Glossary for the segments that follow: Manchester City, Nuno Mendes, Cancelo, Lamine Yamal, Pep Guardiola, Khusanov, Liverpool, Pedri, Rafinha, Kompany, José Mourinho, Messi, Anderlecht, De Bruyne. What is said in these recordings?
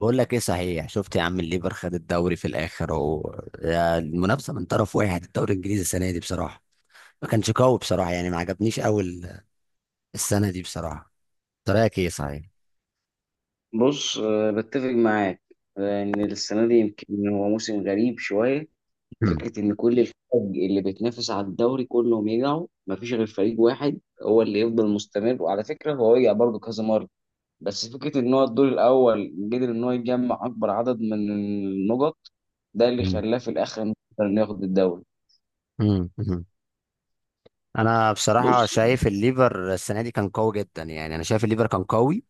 بقول لك ايه صحيح؟ شفت يا عم؟ الليفر خد الدوري في الاخر اهو، يا المنافسه من طرف واحد. الدوري الانجليزي السنه دي بصراحه ما كانش قوي بصراحه، يعني ما عجبنيش قوي السنه دي بصراحه. أنت رايك ايه صحيح؟ بص بتفق معاك. لأن السنة دي يمكن هو موسم غريب شوية. مم. فكرة إن كل الفرق اللي بتنافس على الدوري كلهم يقعوا مفيش غير فريق واحد هو اللي يفضل مستمر، وعلى فكرة هو وقع برضه كذا مرة. بس فكرة إن هو الدور الأول قدر إن هو يجمع أكبر عدد من النقط، ده اللي مم. خلاه في الآخر إنه ياخد الدوري. مم. مم. انا بصراحه بص شايف الليفر السنه دي كان قوي جدا، يعني انا شايف الليفر كان قوي.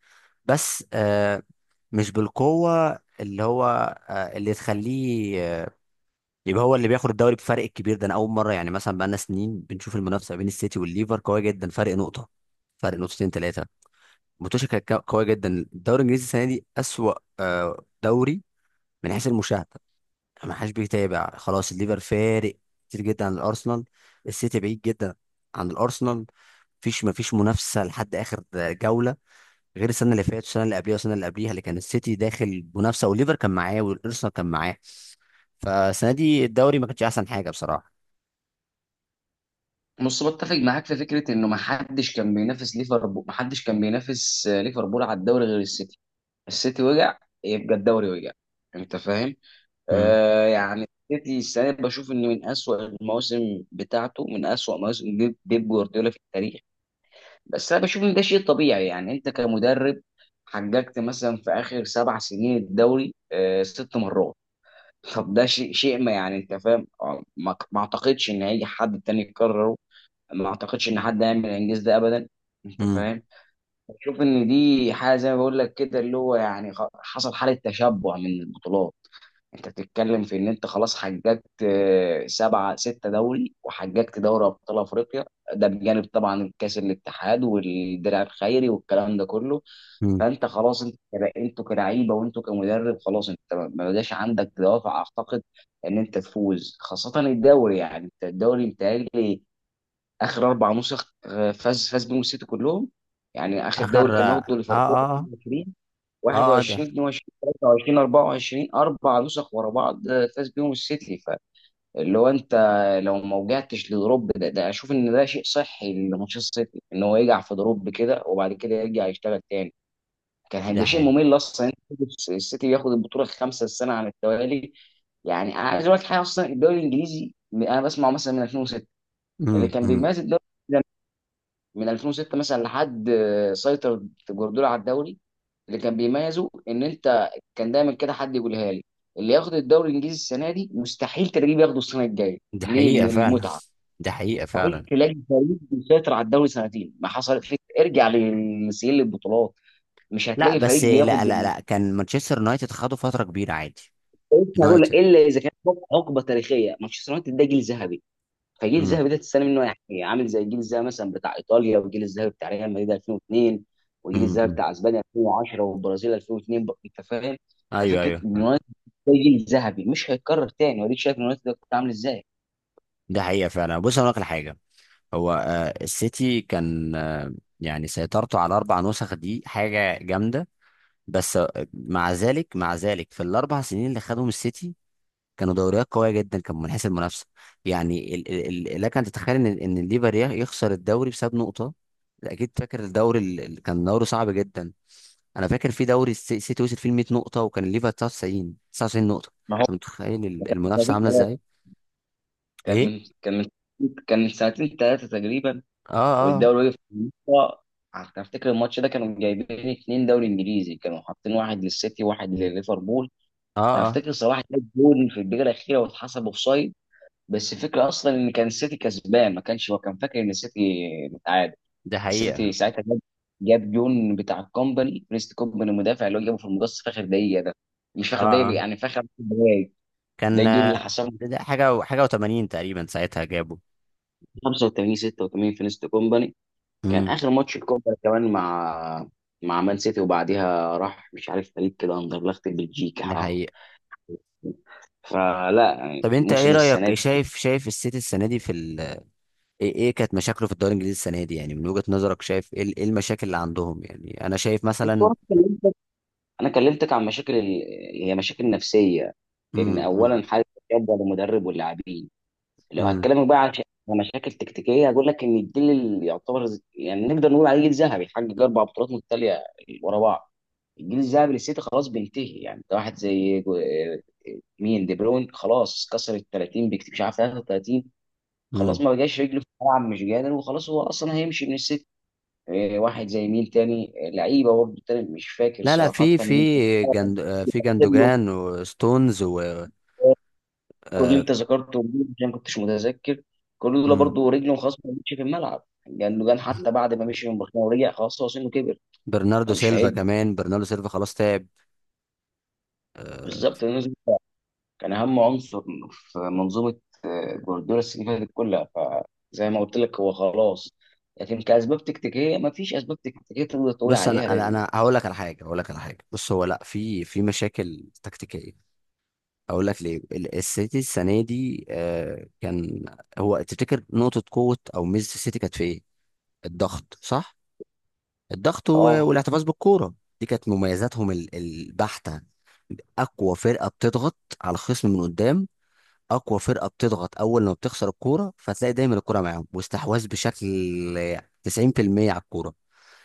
بس مش بالقوه اللي هو اللي تخليه يبقى هو اللي بياخد الدوري بفرق الكبير ده. انا اول مره، يعني مثلا بقالنا سنين بنشوف المنافسه بين السيتي والليفر قويه جدا، فرق نقطه، فرق نقطتين ثلاثه. الماتش كانت قويه جدا. الدوري الانجليزي السنه دي اسوأ دوري من حيث المشاهده، يعني ما حدش بيتابع. خلاص الليفر فارق كتير جدا عن الارسنال، السيتي بعيد جدا عن الارسنال. مفيش منافسه لحد اخر جوله، غير السنه اللي فاتت والسنه اللي قبليها والسنه اللي قبليها اللي كان السيتي داخل منافسه والليفر كان معاه والارسنال كان معاه. فالسنه دي الدوري ما كانش احسن حاجه بصراحه. بص بتفق معاك في فكرة إنه محدش كان بينافس ليفربول، محدش كان بينافس ليفربول على الدوري غير السيتي. السيتي وقع، يبقى الدوري وقع. انت فاهم. مم. آه، يعني السيتي السنه دي بشوف انه من اسوأ المواسم بتاعته، من اسوأ مواسم بيب جوارديولا في التاريخ. بس انا بشوف ان ده شيء طبيعي. يعني انت كمدرب حققت مثلا في اخر سبع سنين الدوري آه ست مرات. طب ده شيء ما، يعني انت فاهم، ما اعتقدش ان هيجي حد تاني يكرره. ما اعتقدش ان حد هيعمل الانجاز ده ابدا. انت امم. فاهم. بشوف ان دي حاجه زي ما بقول لك كده، اللي هو يعني حصل حاله تشبع من البطولات. انت بتتكلم في ان انت خلاص حققت سبعه سته دوري، وحققت دوري ابطال افريقيا. ده بجانب طبعا الكاس الاتحاد والدرع الخيري والكلام ده كله. امم. فانت خلاص انت انتوا كلعيبه وانتوا كمدرب، خلاص انت ما بقاش عندك دوافع، اعتقد، ان انت تفوز خاصه الدوري. يعني انت الدوري بتهيألي اخر اربع نسخ فاز بيهم السيتي كلهم. يعني اخر اخر، دوري كان اه واخده ليفربول اه. اه. 22. اه. ده. 21 22 23 24 اربع نسخ ورا بعض فاز بيهم السيتي. فاللي هو انت لو ما وجعتش لدروب ده, ده اشوف ان ده شيء صحي لمانشستر سيتي ان هو يقع في دروب كده وبعد كده يرجع يشتغل تاني. كان ده هيبقى شيء حقيقة. ممل اصلا إن السيتي ياخد البطوله الخامسه السنه على التوالي. يعني انا عايز اقول لك حاجه، اصلا الدوري الانجليزي انا بسمعه مثلا من 2006. اللي امم. كان امم. بيميز الدوري من 2006 مثلا لحد سيطر جوارديولا على الدوري، اللي كان بيميزه ان انت كان دايما كده حد يقولها لي: اللي ياخد الدوري الانجليزي السنه دي مستحيل تلاقيه بياخده السنه الجايه. ده ليه؟ حقيقة من فعلا. المتعه. ده حقيقة مستحيل فعلا. تلاقي فريق بيسيطر على الدوري سنتين، ما حصلت لك، ارجع لسجل البطولات، مش لا هتلاقي بس، فريق لا بياخد لا لا، كان مانشستر يونايتد خدوا فترة كبيرة عادي. فريق، هقول لك يونايتد. الا اذا كان حقبه تاريخيه. مانشستر يونايتد ده جيل ذهبي. فجيل امم. الذهبي ده تستنى منه، يعني عامل زي الجيل الذهبي مثلا بتاع ايطاليا، والجيل الذهبي بتاع ريال مدريد 2002، والجيل امم. الذهبي أمم. بتاع اسبانيا 2010، والبرازيل 2002. انت فاهم. ايوه ففكره ايوه، ان فاهم. اليونايتد ده جيل ذهبي مش هيتكرر تاني، واديك شايف اليونايتد ده كنت عامل ازاي. ده حقيقة فعلا. بص اقول لك على حاجة. هو السيتي كان يعني سيطرته على اربع نسخ دي حاجة جامدة. بس مع ذلك في الاربع سنين اللي خدهم السيتي، كانوا دوريات قويه جدا، كان من حيث المنافسه. يعني لك ان تتخيل ان الليفر يخسر الدوري بسبب نقطه. اكيد فاكر الدوري اللي كان دوري صعب جدا. انا فاكر في دوري السيتي وصل فيه 100 نقطه، وكان الليفر 99 نقطه. ما هو انت متخيل من المنافسه سنتين عامله ثلاثه ازاي؟ كان ايه؟ من كان من كان من سنتين ثلاثه تقريبا، اه اه. والدوري وقف في النص. أنا افتكر الماتش ده كانوا جايبين اتنين دوري انجليزي، كانوا حاطين واحد للسيتي وواحد لليفربول. اه وانا اه. افتكر صلاح جاب جول في الدقيقه الاخيره واتحسب اوفسايد. بس الفكره اصلا ان كان السيتي كسبان ما كانش، هو كان فاكر ان السيتي متعادل. ده السيتي حقيقه. ساعتها جاب جون بتاع الكومباني، بريست كومباني المدافع، اللي هو جابه في المقص في اخر دقيقه ده. مش في اه اخر دقيقه، اه. يعني في اخر عشر دقايق. ده كان الجون اللي حسمه، ده حاجه حاجه و80 تقريبا ساعتها جابوا. 85 86 في نيست كومباني. كان امم. اخر ماتش الكومباني كمان مع مان سيتي، وبعديها راح مش عارف فريق كده اندرلخت ده بلجيكا. حقيقه. فلا يعني طب انت ايه موسم السنه رايك؟ دي. شايف السيتي السنه دي في ايه كانت مشاكله في الدوري الانجليزي السنه دي، يعني من وجهه نظرك شايف ايه إيه المشاكل اللي عندهم؟ يعني انا شايف بص مثلا. هو انا كلمتك عن مشاكل ال... هي مشاكل نفسيه. ان اولا امم. حاله الشده للمدرب واللاعبين. لو امم. هتكلمك بقى عن عن مشاكل تكتيكيه، هقول لك ان الجيل اللي يعتبر يعني نقدر نقول عليه جيل ذهبي حقق اربع بطولات متتاليه ورا بعض، الجيل الذهبي للسيتي خلاص بينتهي. يعني ده واحد زي مين، دي بروين، خلاص كسر ال 30 بكتير، مش عارف 33، خلاص امم. ما بقاش رجله في الملعب مش قادر، وخلاص هو اصلا هيمشي من السيتي. واحد زي مين تاني، لعيبه برضه تاني مش فاكر لا لا، صراحه في مين تاني. في جند في كله، جندوجان وستونز و كل اللي آه، انت ذكرته دول، عشان ما كنتش متذكر. كل دول مم. برضه رجله خلاص ما مشي في الملعب، لانه كان حتى بعد ما مشي من برشلونه ورجع، خلاص هو سنه كبر. برناردو فمش سيلفا هيجي كمان، برناردو سيلفا خلاص تعب. آه، بالظبط، لأنه كان اهم عنصر في منظومه جوارديولا السنه اللي فاتت كلها. فزي ما قلت لك هو خلاص. لكن كاسباب تكتيكيه ما فيش اسباب تكتيكيه تقدر تقول بص انا عليها انا لان انا هقول لك على حاجه، بص هو لا، في مشاكل تكتيكيه. اقول لك ليه السيتي السنه دي كان. هو تفتكر نقطه قوه او ميزه السيتي كانت في ايه؟ الضغط، صح؟ الضغط اه، والاحتفاظ بالكوره، دي كانت مميزاتهم البحته. اقوى فرقه بتضغط على الخصم من قدام، اقوى فرقه بتضغط اول لما بتخسر الكوره، فتلاقي دايما الكوره معاهم، واستحواذ بشكل 90% على الكوره.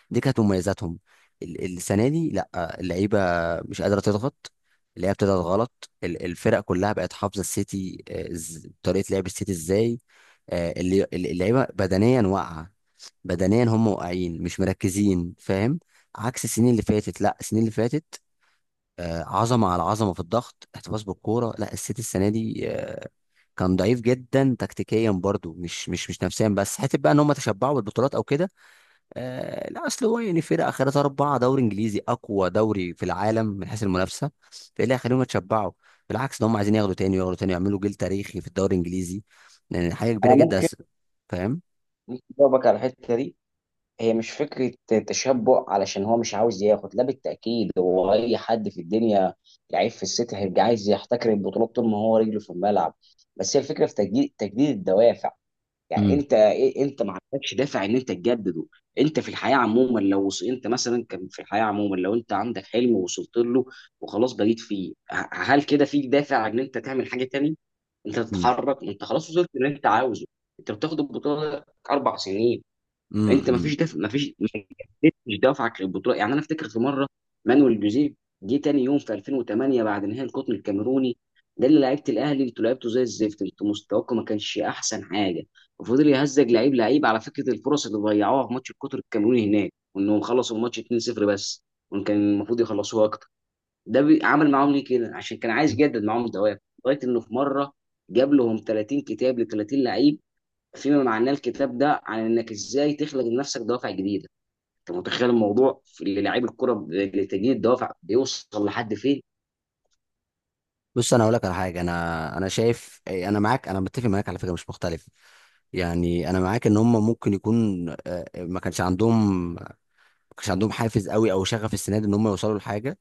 دي كانت مميزاتهم. السنه دي لا، اللعيبه مش قادره تضغط، اللعيبه بتضغط غلط. الفرق كلها بقت حافظه السيتي طريقه لعب السيتي ازاي. اللعيبه بدنيا واقعه، بدنيا هم واقعين مش مركزين، فاهم؟ عكس السنين اللي فاتت. لا، السنين اللي فاتت عظمه على عظمه في الضغط، احتفاظ بالكوره. لا، السيتي السنه دي كان ضعيف جدا تكتيكيا برضو، مش نفسيا بس، حته بقى ان هم تشبعوا بالبطولات او كده. لا، اصل هو يعني فرقه اخرتها اربعه دوري انجليزي، اقوى دوري في العالم من حيث المنافسه، فايه اللي هيخليهم يتشبعوا؟ بالعكس، ده هم عايزين ياخدوا تاني وياخدوا تاني، يعملوا جيل تاريخي في الدوري الانجليزي، يعني حاجه كبيره انا جدا، ممكن، فاهم؟ ممكن اجاوبك على الحته دي. هي مش فكرة تشبع، علشان هو مش عاوز ياخد، لا بالتأكيد هو أي حد في الدنيا لعيب في السيتي هيبقى عايز يحتكر البطولات طول ما هو رجله في الملعب. بس هي الفكرة في تجديد الدوافع. يعني امم. أنت إيه، أنت ما عندكش دافع إن أنت تجدده. أنت في الحياة عموما لو أنت مثلا، كان في الحياة عموما لو أنت عندك حلم ووصلت له وخلاص بقيت فيه، هل كده فيك دافع إن أنت تعمل حاجة تانية؟ أنت تتحرك، أنت خلاص وصلت اللي أنت عاوزه. أنت بتاخد البطولة أربع سنين، انت ما امم. فيش دفع، ما فيش، ما جددتش دفعك للبطوله. يعني انا افتكر في مره، مانويل جوزيه جه تاني يوم في 2008 بعد نهائي القطن الكاميروني، ده اللي لعيبه الاهلي انتوا لعبتوا زي الزفت، انتوا مستواكم ما كانش احسن حاجه. وفضل يهزج لعيب لعيب على فكره، الفرص اللي ضيعوها في ماتش القطر الكاميروني هناك، وانهم خلصوا الماتش 2-0 بس، وان كان المفروض يخلصوها اكتر. ده عمل معاهم ليه كده؟ عشان كان عايز يجدد معاهم الدوافع. لغايه انه في مره جاب لهم 30 كتاب ل 30 لعيب، فيما معناه الكتاب ده عن انك ازاي تخلق لنفسك دوافع جديده. انت متخيل الموضوع في للاعيب الكره لتجديد دوافع بيوصل لحد فين؟ بص انا اقول لك على حاجه، انا شايف انا معاك، انا متفق معاك على فكره مش مختلف. يعني انا معاك ان هم ممكن يكون ما كانش عندهم حافز قوي او شغف السنه دي ان هم يوصلوا لحاجه.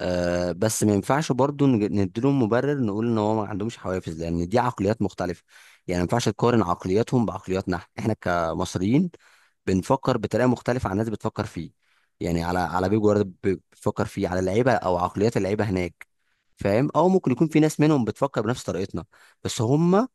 بس ما ينفعش برضو نديلهم مبرر، نقول ان هو ما عندهمش حوافز، لان دي عقليات مختلفه. يعني ما ينفعش تقارن عقلياتهم بعقلياتنا، احنا كمصريين بنفكر بطريقه مختلفه عن الناس بتفكر فيه. يعني على بيب جوارديولا بتفكر فيه على اللعيبه او عقليات اللعيبه هناك، فاهم؟ او ممكن يكون في ناس منهم بتفكر بنفس طريقتنا، بس هم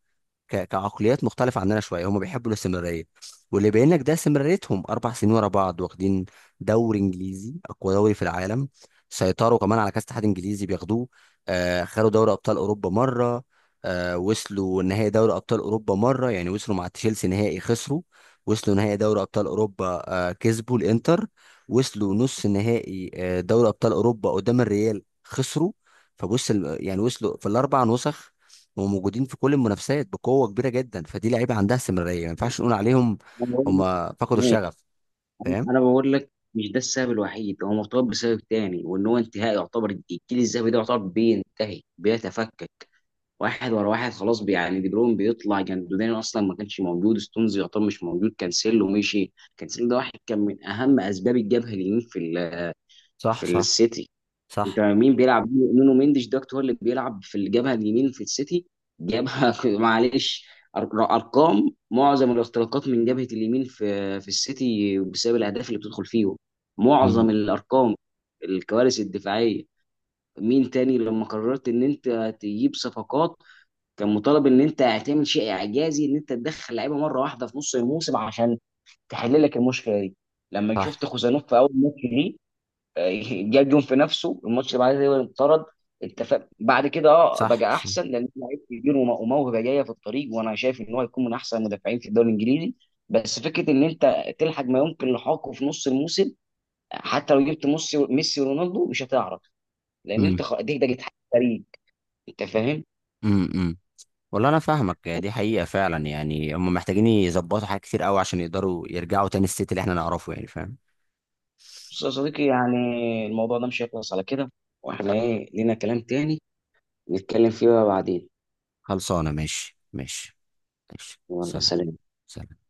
كعقليات مختلفة عننا شوية، هم بيحبوا الاستمرارية. واللي يبين لك ده استمراريتهم 4 سنين ورا بعض واخدين دوري إنجليزي أقوى دوري في العالم. سيطروا كمان على كأس اتحاد إنجليزي بياخدوه. خدوا دوري أبطال أوروبا مرة. وصلوا نهائي دوري أبطال أوروبا مرة، يعني وصلوا مع تشيلسي نهائي، خسروا. وصلوا نهائي دوري أبطال أوروبا كسبوا الإنتر. وصلوا نص نهائي دوري أبطال أوروبا قدام الريال، خسروا. فبص يعني وصلوا في الأربع نسخ، وموجودين في كل المنافسات بقوه كبيره جدا، فدي لعيبه عندها استمراريه، ما ينفعش نقول عليهم انا بقول هم لك فقدوا ماشي. الشغف، فاهم؟ أنا بقول لك مش ده السبب الوحيد، هو مرتبط بسبب تاني، وان هو انتهاء يعتبر الجيل الذهبي ده، يعتبر بينتهي بيتفكك واحد ورا واحد. خلاص يعني دي بروين بيطلع، جندودين اصلا ما كانش موجود، ستونز يعتبر مش موجود، كانسيلو مشي. كانسيلو ده واحد كان من اهم اسباب الجبهه اليمين في صح في صح السيتي. انت صح. مين بيلعب؟ نونو مينديش دوت هو اللي بيلعب في الجبهه اليمين في السيتي. جبهه معلش. أر- ارقام معظم الاختراقات من جبهه اليمين في السيتي، بسبب الاهداف اللي بتدخل فيهم معظم امم. الارقام، الكوارث الدفاعيه. مين تاني لما قررت ان انت تجيب صفقات، كان مطالب ان انت هتعمل شيء اعجازي ان انت تدخل لعيبه مره واحده في نص الموسم عشان تحل لك المشكله دي. لما صح شفت خوسانوف في اول ماتش ليه، جاب جون في نفسه الماتش اللي بعدها تقريبا انطرد. انت بعد كده اه صح بقى صح. احسن، لان لعيب كبير وموهبه جايه في الطريق، وانا شايف ان هو هيكون من احسن المدافعين في الدوري الانجليزي. بس فكره ان انت تلحق ما يمكن لحاقه في نص الموسم، حتى لو جبت ميسي ورونالدو مش هتعرف. لان انت امم. دي ده جت فريق، انت فاهم. امم. والله انا فاهمك، يعني دي حقيقه فعلا، يعني هم محتاجين يظبطوا حاجات كتير قوي عشان يقدروا يرجعوا تاني الست اللي احنا نعرفه، يعني فاهم. بص يا صديقي، يعني الموضوع ده مش هيخلص على كده، واحنا ايه لينا كلام تاني نتكلم فيه بقى بعدين. خلصانه، ماشي ماشي. ماشي، يلا سلام. سلام. سلام.